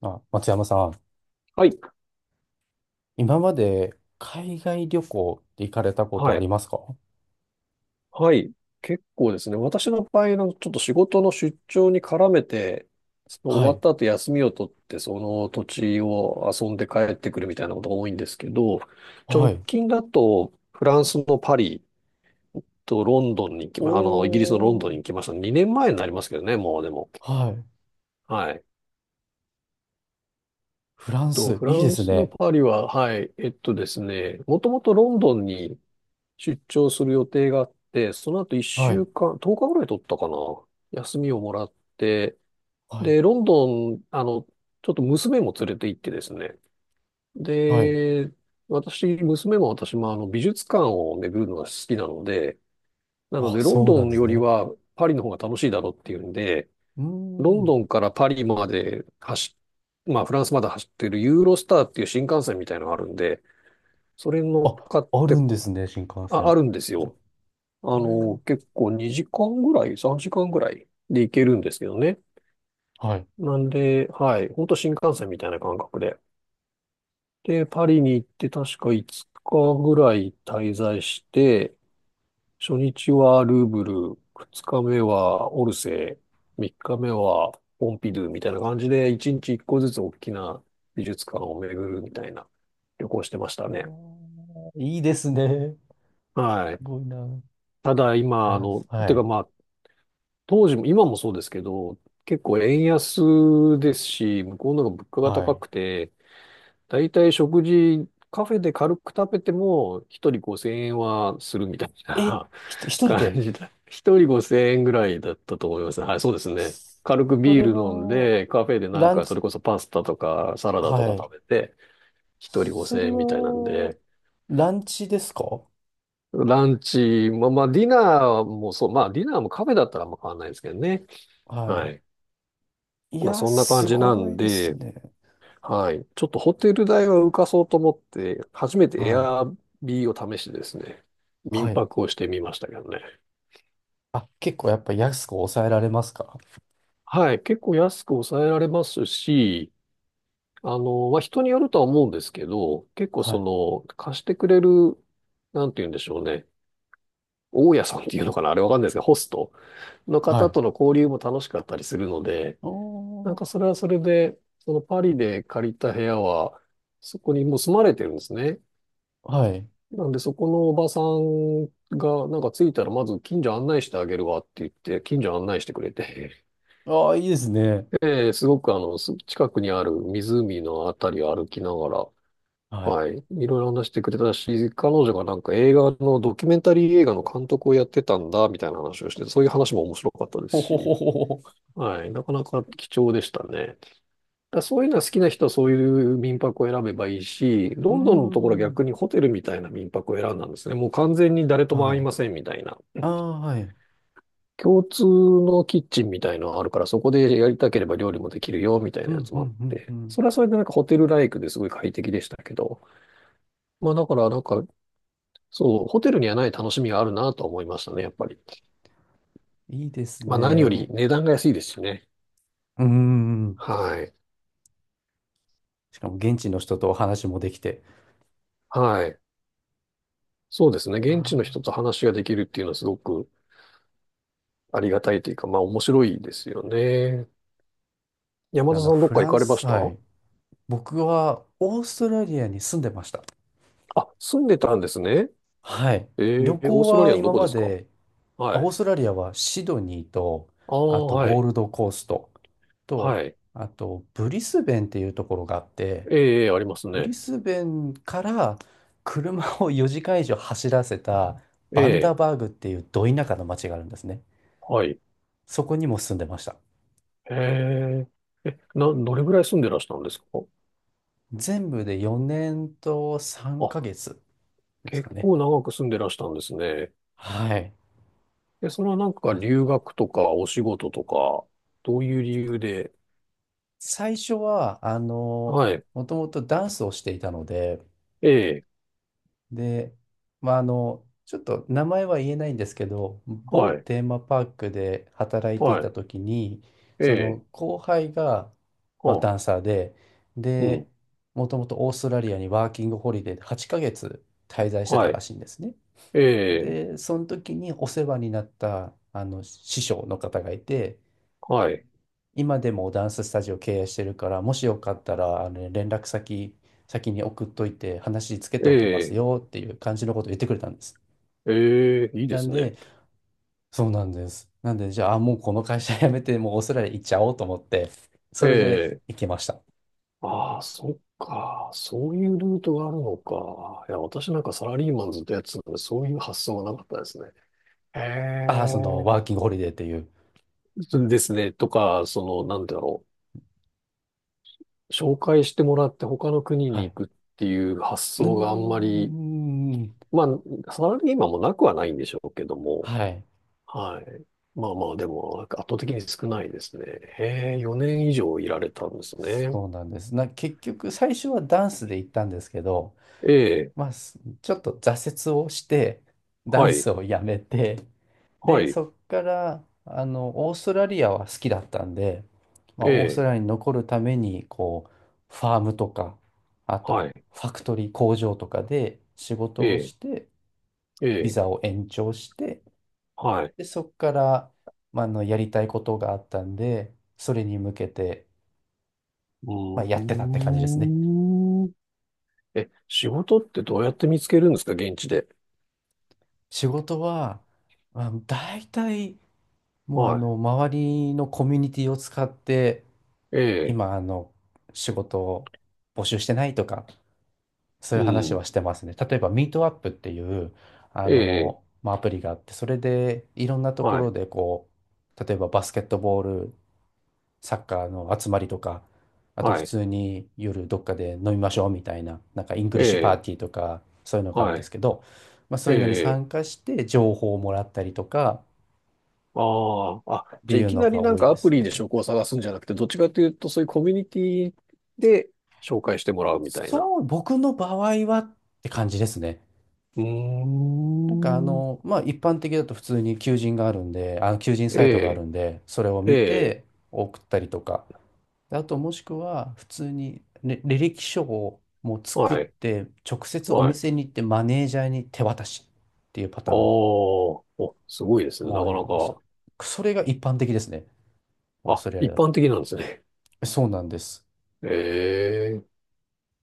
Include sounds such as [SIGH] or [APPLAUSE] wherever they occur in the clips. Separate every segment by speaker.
Speaker 1: あ、松山さん、
Speaker 2: はい、
Speaker 1: 今まで海外旅行って行かれたこと
Speaker 2: は
Speaker 1: あ
Speaker 2: い、
Speaker 1: りますか？
Speaker 2: はい。結構ですね。私の場合のちょっと仕事の出張に絡めて、その終
Speaker 1: は
Speaker 2: わっ
Speaker 1: い。
Speaker 2: た後休みを取って、その土地を遊んで帰ってくるみたいなことが多いんですけど、
Speaker 1: は
Speaker 2: 直
Speaker 1: い。
Speaker 2: 近だとフランスのパリとロンドンに行き
Speaker 1: お
Speaker 2: ま、あの、イギリスのロンドンに
Speaker 1: ー。
Speaker 2: 行きました。2年前になりますけどね、もうでも。
Speaker 1: はい。
Speaker 2: はい。
Speaker 1: フラン
Speaker 2: と、
Speaker 1: ス、
Speaker 2: フ
Speaker 1: いい
Speaker 2: ラ
Speaker 1: で
Speaker 2: ン
Speaker 1: す
Speaker 2: スの
Speaker 1: ね。
Speaker 2: パリは、はい、えっとですね、もともとロンドンに出張する予定があって、その後1
Speaker 1: はい。
Speaker 2: 週間、10日ぐらい取ったかな。休みをもらって、
Speaker 1: はい。
Speaker 2: で、ロンドン、ちょっと娘も連れて行ってですね。
Speaker 1: はい。
Speaker 2: で、私、娘も私もあの美術館を巡るのが好きなので、なの
Speaker 1: あ、
Speaker 2: でロン
Speaker 1: そう
Speaker 2: ド
Speaker 1: なん
Speaker 2: ン
Speaker 1: です
Speaker 2: より
Speaker 1: ね。
Speaker 2: はパリの方が楽しいだろうっていうんで、
Speaker 1: うー
Speaker 2: ロン
Speaker 1: ん。
Speaker 2: ドンからパリまで走っ、まあフランスまで走ってるユーロスターっていう新幹線みたいのがあるんで、それに乗っ
Speaker 1: あ、
Speaker 2: かっ
Speaker 1: あ
Speaker 2: て、
Speaker 1: るんですね、新幹
Speaker 2: あ、あ
Speaker 1: 線。
Speaker 2: るんですよ。あ
Speaker 1: は
Speaker 2: の、
Speaker 1: い。
Speaker 2: 結構2時間ぐらい、3時間ぐらいで行けるんですけどね。
Speaker 1: はい。
Speaker 2: なんで、はい、ほんと新幹線みたいな感覚で。で、パリに行って確か5日ぐらい滞在して、初日はルーブル、2日目はオルセー、3日目はポンピドゥみたいな感じで、1日1個ずつ大きな美術館を巡るみたいな旅行してましたね。
Speaker 1: うわー、いいですね。
Speaker 2: は
Speaker 1: す
Speaker 2: い。
Speaker 1: ごいな。
Speaker 2: ただ
Speaker 1: フ
Speaker 2: 今、あ
Speaker 1: ランス。
Speaker 2: の、
Speaker 1: は
Speaker 2: てか
Speaker 1: い。
Speaker 2: まあ、当時も、今もそうですけど、結構円安ですし、向こうの方が物価が
Speaker 1: は
Speaker 2: 高
Speaker 1: い。
Speaker 2: くて、だいたい食事、カフェで軽く食べても、一人5000円はするみたい
Speaker 1: え、
Speaker 2: な [LAUGHS]
Speaker 1: 一人
Speaker 2: 感
Speaker 1: で。
Speaker 2: じだ。一人5000円ぐらいだったと思います。はい、そうですね。軽く
Speaker 1: そ
Speaker 2: ビー
Speaker 1: れ
Speaker 2: ル飲ん
Speaker 1: は、
Speaker 2: で、カフェでなん
Speaker 1: ラン
Speaker 2: か、そ
Speaker 1: チ、
Speaker 2: れこそパスタとかサラダと
Speaker 1: は
Speaker 2: か
Speaker 1: い。
Speaker 2: 食べて、一人
Speaker 1: それ
Speaker 2: 5000円みたいなん
Speaker 1: は、
Speaker 2: で、
Speaker 1: ランチですか？
Speaker 2: ランチ、まあまあ、ディナーもそう、まあ、ディナーもカフェだったらあんま変わんないですけどね。は
Speaker 1: は
Speaker 2: い。
Speaker 1: い。い
Speaker 2: まあ、
Speaker 1: や、
Speaker 2: そんな感
Speaker 1: す
Speaker 2: じな
Speaker 1: ご
Speaker 2: ん
Speaker 1: いです
Speaker 2: で、
Speaker 1: ね。
Speaker 2: はい。ちょっとホテル代は浮かそうと思って、初めてエ
Speaker 1: はい。
Speaker 2: アビーを試してですね、民
Speaker 1: はい。
Speaker 2: 泊をしてみましたけどね。
Speaker 1: あ、結構やっぱ安く抑えられますか？
Speaker 2: はい。結構安く抑えられますし、あの、まあ、人によるとは思うんですけど、結構
Speaker 1: は
Speaker 2: そ
Speaker 1: い。
Speaker 2: の、貸してくれる、なんて言うんでしょうね。大家さんっていうのかなあれわかんないですけど、ホストの
Speaker 1: は
Speaker 2: 方
Speaker 1: い。
Speaker 2: との交流も楽しかったりするので、
Speaker 1: お
Speaker 2: なん
Speaker 1: ー。
Speaker 2: かそれはそれで、そのパリで借りた部屋は、そこにもう住まれてるんですね。
Speaker 1: はい。
Speaker 2: なんで、そこのおばさんが、なんか着いたら、まず近所案内してあげるわって言って、近所案内してくれて、
Speaker 1: ああ、いいですね。
Speaker 2: [LAUGHS] すごくあの、近くにある湖のあたりを歩きながら、
Speaker 1: はい。
Speaker 2: はい、いろいろ話してくれたし、彼女がなんか映画の、ドキュメンタリー映画の監督をやってたんだ、みたいな話をして、そういう話も面白かったです
Speaker 1: ほほほ
Speaker 2: し、
Speaker 1: ほほ。
Speaker 2: はい、なかなか貴重でしたね。だそういうのは好きな人はそういう民泊を選べばいいし、
Speaker 1: うー
Speaker 2: ロンドンのところは
Speaker 1: ん。
Speaker 2: 逆にホテルみたいな民泊を選んだんですね。もう完全に誰とも会
Speaker 1: は
Speaker 2: い
Speaker 1: い。
Speaker 2: ませんみたいな。
Speaker 1: ああ、はい。
Speaker 2: 共通のキッチンみたいのがあるから、そこでやりたければ料理もできるよみたい
Speaker 1: う
Speaker 2: なや
Speaker 1: ん、
Speaker 2: つ
Speaker 1: う
Speaker 2: もあっ
Speaker 1: ん、うん、う
Speaker 2: て。
Speaker 1: ん。
Speaker 2: それはそれでなんかホテルライクですごい快適でしたけど。まあだからホテルにはない楽しみがあるなと思いましたね、やっぱり。
Speaker 1: いいです
Speaker 2: まあ何
Speaker 1: ね。
Speaker 2: より
Speaker 1: も
Speaker 2: 値段が安いですしね。
Speaker 1: う、うーん。
Speaker 2: はい。
Speaker 1: しかも現地の人とお話もできて。
Speaker 2: はい。そうですね。現地の人
Speaker 1: あ
Speaker 2: と話ができるっていうのはすごくありがたいというか、まあ面白いですよね。山
Speaker 1: あ、あ
Speaker 2: 田
Speaker 1: の、
Speaker 2: さんどっ
Speaker 1: フ
Speaker 2: か行
Speaker 1: ラン
Speaker 2: かれま
Speaker 1: ス、
Speaker 2: した？
Speaker 1: はい。僕はオーストラリアに住んでました。
Speaker 2: あ、住んでたんですね。
Speaker 1: はい。
Speaker 2: え
Speaker 1: 旅
Speaker 2: ー、オー
Speaker 1: 行
Speaker 2: ストラリ
Speaker 1: は
Speaker 2: アのど
Speaker 1: 今
Speaker 2: こで
Speaker 1: ま
Speaker 2: すか？
Speaker 1: で、あ
Speaker 2: は
Speaker 1: オー
Speaker 2: い。
Speaker 1: ストラリアはシドニーと、
Speaker 2: ああ、
Speaker 1: あと
Speaker 2: は
Speaker 1: ゴ
Speaker 2: い。
Speaker 1: ールドコースト
Speaker 2: は
Speaker 1: と、
Speaker 2: い。
Speaker 1: あとブリスベンっていうところがあって、
Speaker 2: ええ、ええあります
Speaker 1: ブリ
Speaker 2: ね。
Speaker 1: スベンから車を4時間以上走らせた
Speaker 2: え
Speaker 1: バンダ
Speaker 2: え、
Speaker 1: バーグっていうど田舎の町があるんですね。
Speaker 2: はい。
Speaker 1: そこにも住んでました。
Speaker 2: ええ、どれぐらい住んでらしたんですか？
Speaker 1: 全部で4年と3
Speaker 2: あ、
Speaker 1: ヶ月ですか
Speaker 2: 結
Speaker 1: ね。
Speaker 2: 構長く住んでらしたんですね。
Speaker 1: はい。
Speaker 2: え、それはなんか
Speaker 1: あ
Speaker 2: 留学とかお仕事とか、どういう理由で？
Speaker 1: 最初は、
Speaker 2: はい。
Speaker 1: もともとダンスをしていたので、
Speaker 2: ええ、
Speaker 1: で、まあ、ちょっと名前は言えないんですけど、某
Speaker 2: はい。
Speaker 1: テーマパークで働いてい
Speaker 2: は
Speaker 1: た
Speaker 2: い。
Speaker 1: 時に、
Speaker 2: え
Speaker 1: そ
Speaker 2: え、
Speaker 1: の後輩が、まあ、
Speaker 2: あ、
Speaker 1: ダンサーで、
Speaker 2: う
Speaker 1: で、
Speaker 2: ん。
Speaker 1: もともとオーストラリアにワーキングホリデーで8ヶ月滞在してた
Speaker 2: は
Speaker 1: ら
Speaker 2: い。
Speaker 1: しいんですね。
Speaker 2: ええ、
Speaker 1: で、その時にお世話になったあの師匠の方がいて、
Speaker 2: はい。
Speaker 1: 今でもダンススタジオ経営してるから、もしよかったらあの連絡先先に送っといて話つけて
Speaker 2: え
Speaker 1: おきます
Speaker 2: え、
Speaker 1: よっていう感じのことを言ってくれたんです。
Speaker 2: ええ、いいで
Speaker 1: なん
Speaker 2: すね。
Speaker 1: で、そうなんです。なんで、じゃあ、もうこの会社辞めて、もうオーストラリア行っちゃおうと思って、そ
Speaker 2: え
Speaker 1: れで
Speaker 2: え、
Speaker 1: 行きました。
Speaker 2: ああ、そっか。そういうルートがあるのか。いや、私なんかサラリーマンずっとやってたので、そういう発想がなかったですね。え
Speaker 1: ああ、その、
Speaker 2: え、
Speaker 1: ワーキングホリデーっていう。
Speaker 2: そうですね。とか、その、なんだろう。紹介してもらって他の国
Speaker 1: は
Speaker 2: に
Speaker 1: い。
Speaker 2: 行くっていう発
Speaker 1: うー
Speaker 2: 想があんまり、
Speaker 1: ん。
Speaker 2: まあ、サラリーマンもなくはないんでしょうけども、
Speaker 1: はい。
Speaker 2: はい。まあまあ、でも、なんか圧倒的に少ないですね。へえ、4年以上いられたんですね。
Speaker 1: そうなんです。結局、最初はダンスで行ったんですけど、
Speaker 2: ええ、
Speaker 1: まあ、ちょっと挫折をして、ダ
Speaker 2: は
Speaker 1: ン
Speaker 2: い。
Speaker 1: スをやめて、
Speaker 2: は
Speaker 1: で、
Speaker 2: い。
Speaker 1: そっから、オーストラリアは好きだったんで、ま
Speaker 2: え
Speaker 1: あ、オースト
Speaker 2: え。
Speaker 1: ラリアに残るために、こう、ファームとか、あ
Speaker 2: は
Speaker 1: と、
Speaker 2: い。
Speaker 1: ファクトリー工場とかで仕
Speaker 2: え
Speaker 1: 事を
Speaker 2: え。
Speaker 1: して、
Speaker 2: え
Speaker 1: ビ
Speaker 2: え。
Speaker 1: ザを延長して、
Speaker 2: はい。
Speaker 1: で、そっから、まあ、やりたいことがあったんで、それに向けて、
Speaker 2: う
Speaker 1: まあ、やってたって感じですね。
Speaker 2: ーん。え、仕事ってどうやって見つけるんですか現地で。
Speaker 1: 仕事は、まあ、大体もう
Speaker 2: は
Speaker 1: 周りのコミュニティを使って、
Speaker 2: い。ええ。
Speaker 1: 今、仕事を募集してないとか、そう
Speaker 2: う
Speaker 1: いう話
Speaker 2: ん。
Speaker 1: はしてますね。例えば、ミートアップっていう、
Speaker 2: ええ。
Speaker 1: まあ、アプリがあって、それでいろんなとこ
Speaker 2: は
Speaker 1: ろ
Speaker 2: い。
Speaker 1: で、こう、例えばバスケットボール、サッカーの集まりとか、あと普
Speaker 2: はい。
Speaker 1: 通に夜どっかで飲みましょうみたいな、なんかイング
Speaker 2: え
Speaker 1: リッシュパー
Speaker 2: え。
Speaker 1: ティーとか、そういうのがあるん
Speaker 2: は
Speaker 1: です
Speaker 2: い。
Speaker 1: けど、まあ、そ
Speaker 2: え
Speaker 1: ういうのに
Speaker 2: え。
Speaker 1: 参加して情報をもらったりとか
Speaker 2: ああ。あ、
Speaker 1: って
Speaker 2: じゃあ
Speaker 1: い
Speaker 2: い
Speaker 1: う
Speaker 2: き
Speaker 1: の
Speaker 2: なり
Speaker 1: が
Speaker 2: なん
Speaker 1: 多い
Speaker 2: か
Speaker 1: で
Speaker 2: アプ
Speaker 1: す
Speaker 2: リで
Speaker 1: ね。
Speaker 2: 職を探すんじゃなくて、どっちかというとそういうコミュニティで紹介してもらうみたいな。
Speaker 1: そう、僕の場合はって感じですね。
Speaker 2: うー
Speaker 1: なんか
Speaker 2: ん。
Speaker 1: まあ一般的だと普通に求人があるんで、あの求人サ
Speaker 2: え
Speaker 1: イトがある
Speaker 2: え。
Speaker 1: んで、それを
Speaker 2: え
Speaker 1: 見
Speaker 2: え。
Speaker 1: て送ったりとか、あともしくは普通に履歴書をもう作っ
Speaker 2: はい。
Speaker 1: て直接お
Speaker 2: はい。
Speaker 1: 店に行ってマネージャーに手渡しっていうパ
Speaker 2: あ
Speaker 1: タ
Speaker 2: あ、
Speaker 1: ーン
Speaker 2: お、すごいですね。
Speaker 1: も
Speaker 2: な
Speaker 1: あ
Speaker 2: か
Speaker 1: り
Speaker 2: な
Speaker 1: ます。
Speaker 2: か。
Speaker 1: それが一般的ですね。オー
Speaker 2: あ、
Speaker 1: ストラリア
Speaker 2: 一
Speaker 1: だ
Speaker 2: 般
Speaker 1: と。
Speaker 2: 的なんですね。
Speaker 1: そうなんです。
Speaker 2: [LAUGHS] ええ、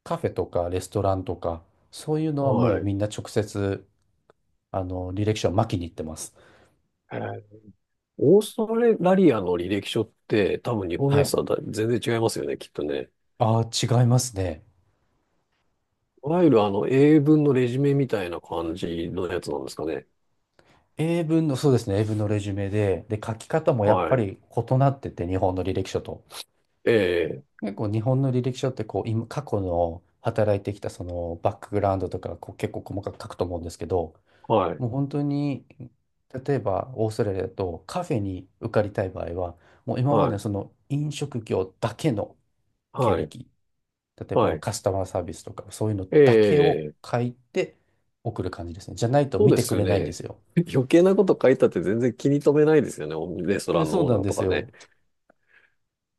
Speaker 1: カフェとかレストランとか、そういうのはも
Speaker 2: は
Speaker 1: う
Speaker 2: い。
Speaker 1: みんな直接あの履歴書を巻きに行ってます。
Speaker 2: えーオーストラリアの履歴書って多分日本の
Speaker 1: は
Speaker 2: やつ
Speaker 1: い。
Speaker 2: とは全然違いますよね、きっとね。
Speaker 1: ああ、違いますね。
Speaker 2: いわゆるあの英文のレジュメみたいな感じのやつなんですかね。
Speaker 1: 英文の、そうですね、英文のレジュメで、書き方もやっぱ
Speaker 2: はい。
Speaker 1: り異なってて、日本の履歴書と。
Speaker 2: ええ、
Speaker 1: 結構日本の履歴書ってこう、今、過去の働いてきたそのバックグラウンドとかこう結構細かく書くと思うんですけど、
Speaker 2: はい、
Speaker 1: もう本当に、例えばオーストラリアだとカフェに受かりたい場合は、もう今まで
Speaker 2: は
Speaker 1: の
Speaker 2: い、
Speaker 1: その飲食業だけの経
Speaker 2: はい、
Speaker 1: 歴、例え
Speaker 2: は
Speaker 1: ば
Speaker 2: い。
Speaker 1: カスタマーサービスとかそういうの
Speaker 2: え
Speaker 1: だけを
Speaker 2: え、
Speaker 1: 書いて送る感じですね。じゃないと
Speaker 2: そう
Speaker 1: 見
Speaker 2: で
Speaker 1: て
Speaker 2: す
Speaker 1: く
Speaker 2: よ
Speaker 1: れないんで
Speaker 2: ね。
Speaker 1: すよ。
Speaker 2: [LAUGHS] 余計なこと書いたって全然気に留めないですよね、レストラ
Speaker 1: え
Speaker 2: ン
Speaker 1: そう
Speaker 2: のオー
Speaker 1: な
Speaker 2: ナ
Speaker 1: ん
Speaker 2: ー
Speaker 1: で
Speaker 2: と
Speaker 1: す
Speaker 2: かね。
Speaker 1: よ。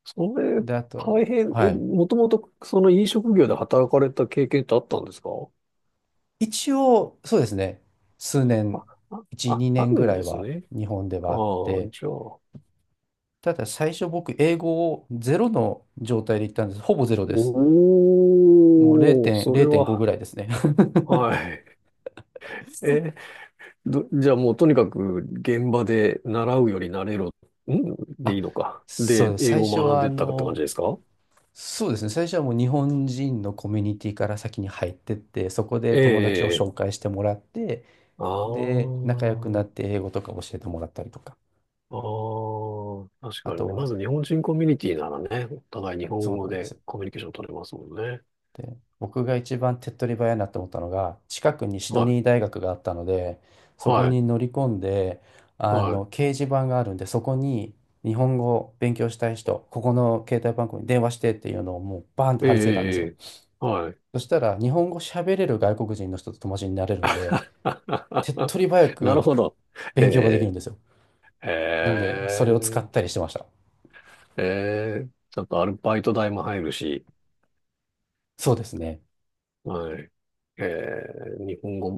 Speaker 2: それ、
Speaker 1: で、あ
Speaker 2: 大
Speaker 1: と、
Speaker 2: 変、
Speaker 1: は
Speaker 2: え、
Speaker 1: い。
Speaker 2: もともとその飲食業で働かれた経験ってあったんですか？
Speaker 1: 一応、そうですね。数
Speaker 2: あ、
Speaker 1: 年、
Speaker 2: あ、
Speaker 1: 1、
Speaker 2: あ、
Speaker 1: 2
Speaker 2: あ
Speaker 1: 年
Speaker 2: る
Speaker 1: ぐ
Speaker 2: ん
Speaker 1: らい
Speaker 2: です
Speaker 1: は
Speaker 2: ね。
Speaker 1: 日本で
Speaker 2: あ
Speaker 1: はあっ
Speaker 2: あ、
Speaker 1: て、
Speaker 2: じゃあ。
Speaker 1: ただ最初僕、英語をゼロの状態で行ったんです。ほぼゼロです。もう
Speaker 2: おー、
Speaker 1: 0.0
Speaker 2: それ
Speaker 1: 0.5
Speaker 2: は、
Speaker 1: ぐらいですね。
Speaker 2: はい。じゃあもうとにかく現場で習うより慣れろ、ん
Speaker 1: [LAUGHS]
Speaker 2: でい
Speaker 1: あ、
Speaker 2: いのか。
Speaker 1: そう
Speaker 2: で、
Speaker 1: です。
Speaker 2: 英
Speaker 1: 最
Speaker 2: 語
Speaker 1: 初
Speaker 2: を学ん
Speaker 1: は、
Speaker 2: でったって感じですか？
Speaker 1: そうですね。最初はもう日本人のコミュニティから先に入ってって、そこで友達を
Speaker 2: え
Speaker 1: 紹介してもらって、
Speaker 2: え、ああ
Speaker 1: で、仲良くな
Speaker 2: ー、
Speaker 1: って英語とか教えてもらったりとか、
Speaker 2: ああ、確
Speaker 1: あ
Speaker 2: かに
Speaker 1: と
Speaker 2: ね。ま
Speaker 1: は、
Speaker 2: ず日本人コミュニティならね、お互い日
Speaker 1: そ
Speaker 2: 本
Speaker 1: うな
Speaker 2: 語
Speaker 1: んで
Speaker 2: で
Speaker 1: す。
Speaker 2: コミュニケーション取れますもんね。
Speaker 1: で、僕が一番手っ取り早いなって思ったのが、近くにシド
Speaker 2: は
Speaker 1: ニー大学があったので、
Speaker 2: い、
Speaker 1: そこ
Speaker 2: はい、
Speaker 1: に乗り込んで、
Speaker 2: は
Speaker 1: 掲示板があるんで、そこに日本語を勉強したい人、ここの携帯番号に電話してっていうのをもうバーンって
Speaker 2: い。ええ、
Speaker 1: 貼り付けたんで
Speaker 2: え
Speaker 1: す
Speaker 2: え、
Speaker 1: よ。
Speaker 2: ええはい。
Speaker 1: そしたら、日本語喋れる外国人の人と友達になれるんで、手っ取り早
Speaker 2: [LAUGHS] なる
Speaker 1: く
Speaker 2: ほど。
Speaker 1: 勉強ができる
Speaker 2: え
Speaker 1: んですよ。なん
Speaker 2: え、え
Speaker 1: で、それを使
Speaker 2: え、
Speaker 1: ったりしてました。
Speaker 2: ええ、ちょっとアルバイト代も入るし、
Speaker 1: そうですね。
Speaker 2: はい。ええ、日本語